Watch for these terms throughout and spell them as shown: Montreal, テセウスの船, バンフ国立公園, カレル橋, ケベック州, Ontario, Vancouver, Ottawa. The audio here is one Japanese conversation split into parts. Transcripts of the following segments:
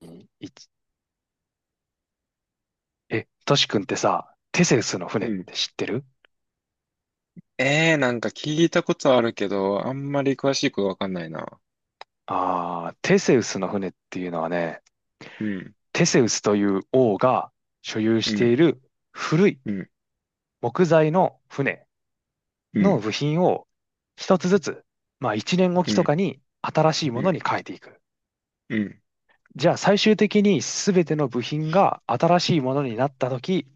いつトシ君ってさ、テセウスのう船っん。て知ってる？ええー、なんか聞いたことあるけど、あんまり詳しいことわかんないな。テセウスの船っていうのはね、うん、テセウスという王が所有うしていん、る古いうん、木材の船うのん、部品を一つずつ、まあ一年おうきとかん、に新しいうものにん、変えていく。うん、じゃあ最終的に全ての部品が新しいものになった時、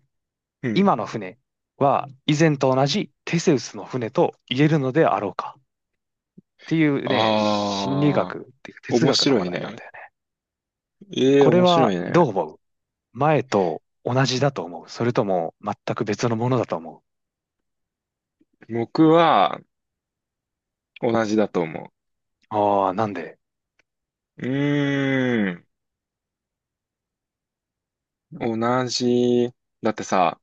うん。今の船は以前と同じテセウスの船と言えるのであろうかっていうね、心理あ学っていうかー、哲面学の白話い題なんね。だよね。ええこー、れ面白はいどね。う思う？前と同じだと思う？それとも全く別のものだと思僕は同じだと思う？なんで？う。うーん、同じ。だってさ、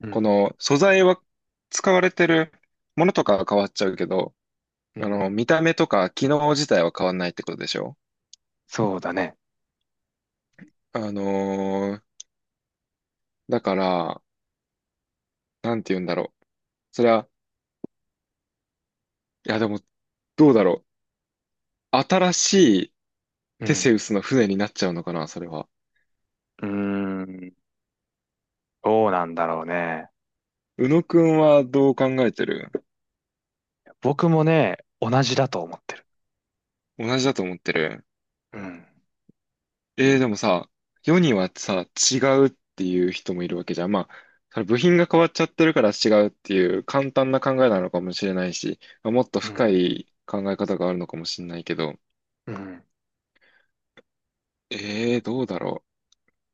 うこん、の素材は使われてるものとかは変わっちゃうけど、うん、見た目とか機能自体は変わんないってことでしょ？そうだね。あのーだから、なんて言うんだろう。それは、いやでも、どうだろう。新しいうテセん、ウスの船になっちゃうのかな、それは。うーん、どうなんだろうね。宇野くんはどう考えてる？僕もね、同じだと思ってる。同じだと思ってる。うん、でもさ、世にはさ、違うっていう人もいるわけじゃん。まあ、それ部品が変わっちゃってるから違うっていう簡単な考えなのかもしれないし、まあもっとう深ん、い考え方があるのかもしれないけど、うん。どうだろ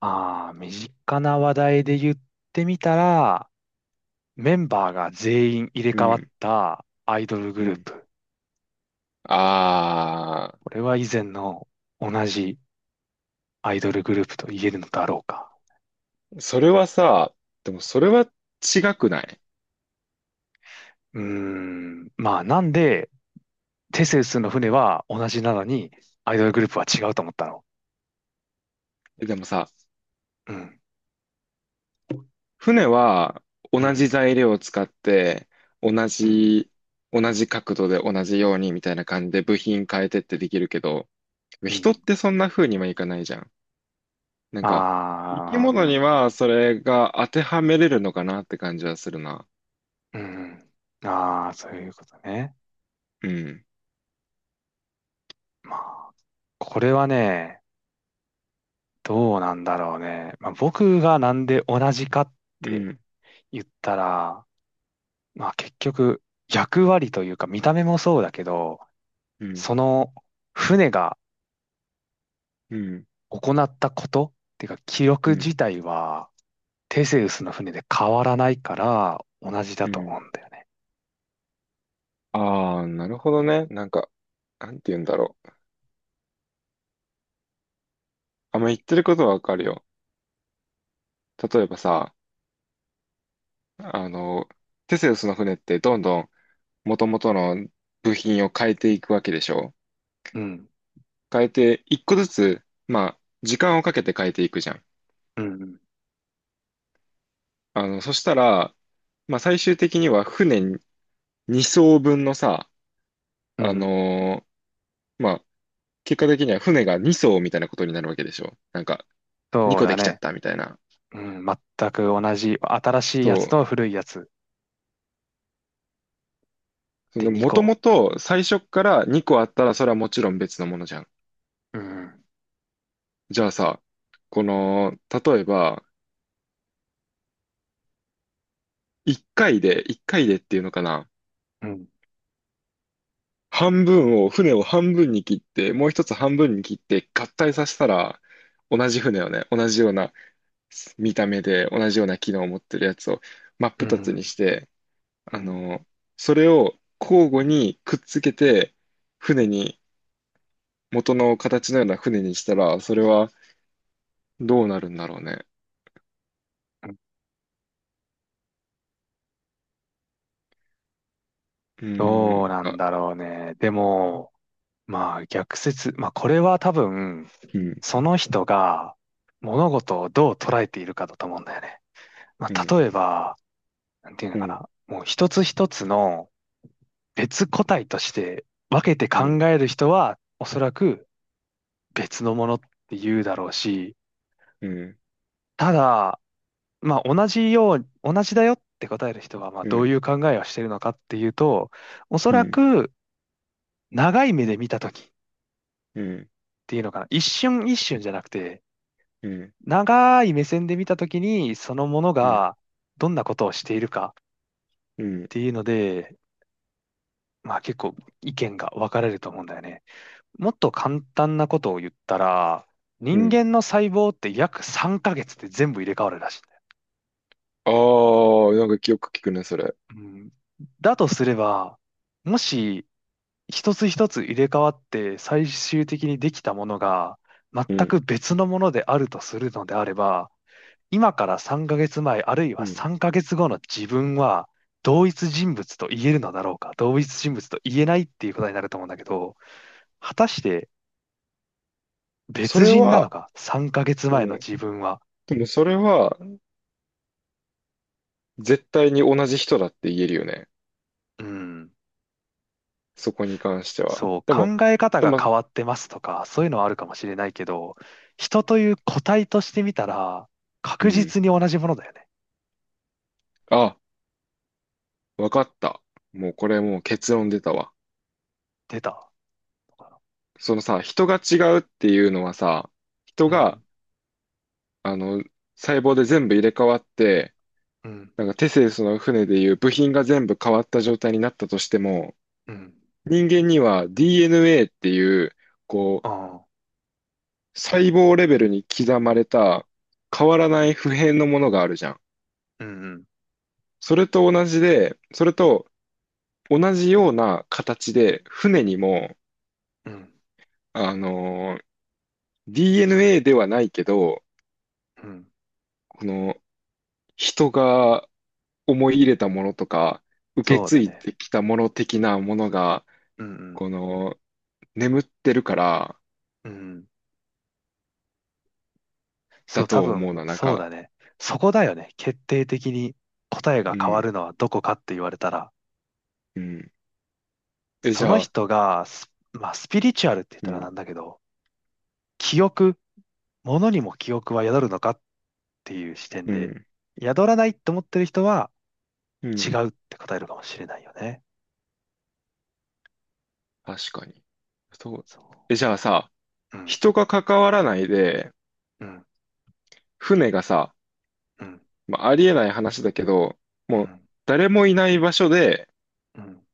ああ、身近な話題で言ってみたら、メンバーが全員入れう。う替わっん、たアイドルグうルーん。プ。あこれは以前の同じアイドルグループと言えるのだろうか。ー、それはさ、でもそれは違くない？うーん。まあ、なんで、テセウスの船は同じなのに、アイドルグループは違うと思ったの？えでもさ、うん、船はう同ん、じ材料を使って同うん、じ同じ角度で同じようにみたいな感じで部品変えてってできるけどうん。人ってそんな風にはいかないじゃん。なんか生きああ、う物にん、はそれが当てはめれるのかなって感じはするな。うん。ああ、そういうことね。うん。まあ、これはね、どうなんだろうね。まあ、僕がなんで同じかっうてん。言ったら、まあ結局、役割というか見た目もそうだけど、うん。その船がうん。行ったことっていうか記憶うん。自体はテセウスの船で変わらないから同じだうと思ん。うんだよね。ああ、なるほどね。なんか、なんて言うんだろう。あんま言ってることはわかるよ。例えばさ、あの、テセウスの船ってどんどん元々の部品を変えていくわけでしょ？うん。変えて、一個ずつ、まあ、時間をかけて変えていくじゃん。うん。そしたら、まあ、最終的には船2艘分のさ、うあん。のまあ、結果的には船が2艘みたいなことになるわけでしょ？なんか、2そう個でだきちゃっね。たみたいな。うん。全く同じ。新しいやそつとう。古いやつそでの、2もと個。もと最初から2個あったら、それはもちろん別のものじゃん。うん。じゃあさ、この、例えば、1回で、1回でっていうのかな？うん。半分を、船を半分に切って、もう一つ半分に切って合体させたら、同じ船をね、同じような見た目で、同じような機能を持ってるやつを真っう二つにん。して、うあん。の、それを交互にくっつけて、船に、元の形のような船にしたら、それはどうなるんだろうね。うん。うーどん、うなんなんか、だろうね。でも、まあ逆説。まあこれは多分、うん、その人が物事をどう捉えているかだと思うんだよね。まうあん、例えば、なんていうのうかん、な。もう一つ一つの別個体として分けてう考ん、える人は、おそらく別のものって言うだろうし、うん、ただ、まあ同じよう、同じだよって答える人は、まあうどういん、う考えをしているのかっていうと、おそうん、うらん、く長い目で見たときっうん、ていうのかな。一瞬一瞬じゃなくて、うん、長い目線で見たときに、そのものがどんなことをしているかっうん、ていうので、まあ結構意見が分かれると思うんだよね。もっと簡単なことを言ったら、う人ん。間の細胞って約3ヶ月で全部入れ替わるらしいんだよ。ああ、なんかよく聞くね、それ。うん。だとすれば、もし一つ一つ入れ替わって最終的にできたものが全うくん。別のものであるとするのであれば、今から3ヶ月前あるいうはん。3ヶ月後の自分は同一人物と言えるのだろうか、同一人物と言えないっていうことになると思うんだけど、果たしてでもそ別れ人なのは、か、3ヶで月前のも、自分は。でもそれは絶対に同じ人だって言えるよね。うん。そこに関しては。そう、でも、考え方でがも、変わってますとか、そういうのはあるかもしれないけど、人という個体としてみたら、う確ん。実に同じものだよね。あ、わかった。もうこれもう結論出たわ。出たのかそのさ、人が違うっていうのはさ、人な。うが、ん、あの、細胞で全部入れ替わって、うん、なんかテセウスの船でいう部品が全部変わった状態になったとしても、うん、人間には DNA っていう、こう、あ細胞レベルに刻まれた変わらない普遍のものがあるじゃん。ーうん、うん、それと同じで、それと同じような形で船にも、うん、あのー DNA ではないけど、うん。この人が思い入れたものとか、受けそう継だいね。できたもの的なものが、うん、この眠ってるからうん、うん。そだう、多と思う分、な、なんそうだか、ね。そこだよね。決定的に答えうが変わん、るのはどこかって言われたら、うん。え、じそのゃあ、人がス、まあ、スピリチュアルって言っうたらなんん、だけど、記憶、ものにも記憶は宿るのかっっていう視点うで、ん、宿らないって思ってる人はう違ん、うって答えるかもしれないよね。確かに。そう。そえ、じゃあさ、う。うん、人が関わらないで、うん、船がさ、うん、まあ、ありえない話だけど、うもうん、誰もいない場所で、うん、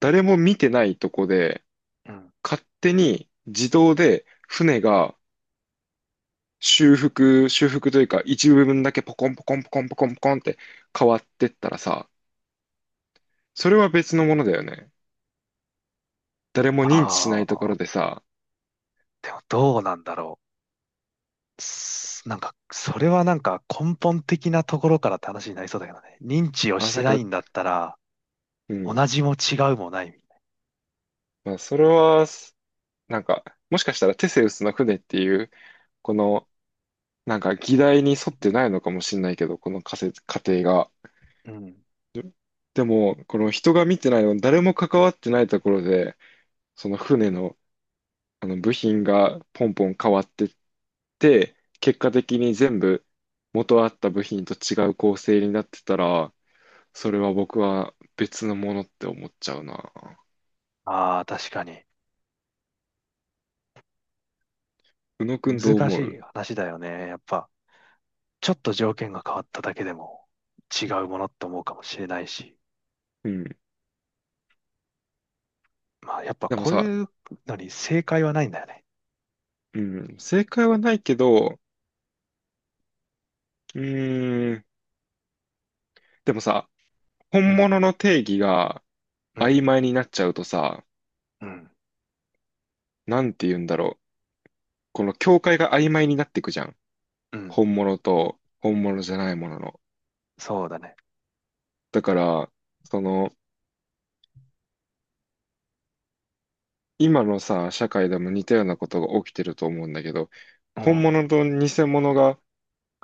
誰も見てないとこで、うん。勝手に自動で船が修復、修復というか、一部分だけポコンポコンポコンポコンポコンって変わってったらさ、それは別のものだよね。誰も認知しなあいとこあ、ろでさ、でもどうなんだろう。すなんか、それはなんか根本的なところからって話になりそうだけどね。認知をあ、しなてんなか、いんだったら、う同ん。じも違うもない。まあ、それは、なんか、もしかしたらテセウスの船っていう、このなんか議題に沿ってないのかもしれないけど、この仮説、仮定が。うん。ででも、この人が見てないの、誰も関わってないところで、その船の、あの部品がポンポン変わってって、結果的に全部元あった部品と違う構成になってたら、それは僕は別のものって思っちゃうな。ああ、確かに。宇野くんどう難し思いう？話だよね。やっぱ、ちょっと条件が変わっただけでも違うものって思うかもしれないし。うん。まあ、やっぱでもこうさ、いうのに正解はないんだよね。うん、正解はないけど、うーん、でもさ、う本ん、物の定義が、うん、曖昧になっちゃうとさ、うん、なんて言うんだろう。この境界が曖昧になっていくじゃん。うん。本物と本物じゃないものの。そうだね。だから、その、今のさ、社会でも似たようなことが起きてると思うんだけど、う本ん、物と偽物が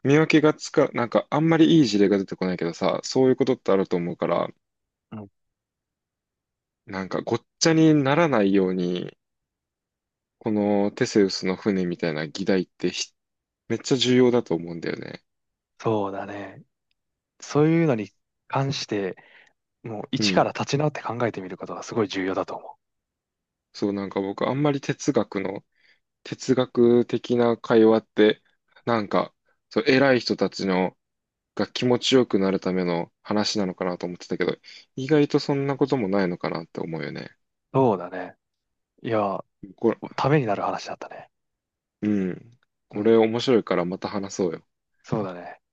見分けがつか、なんかあんまりいい事例が出てこないけどさ、そういうことってあると思うから、うん。なんかごっちゃにならないように、このテセウスの船みたいな議題ってめっちゃ重要だと思うんだよね。そうだね。そういうのに関して、もうう一からん。立ち直って考えてみることがすごい重要だと思う。そう、なんか僕あんまり哲学的な会話って、なんか、そう、偉い人たちのが気持ちよくなるための話なのかなと思ってたけど、意外とそんなこともないのかなって思うよね。そうだね。いや、これ、ためになる話だったね。うん。うこれん、面白いからまた話そうよ。そうだね。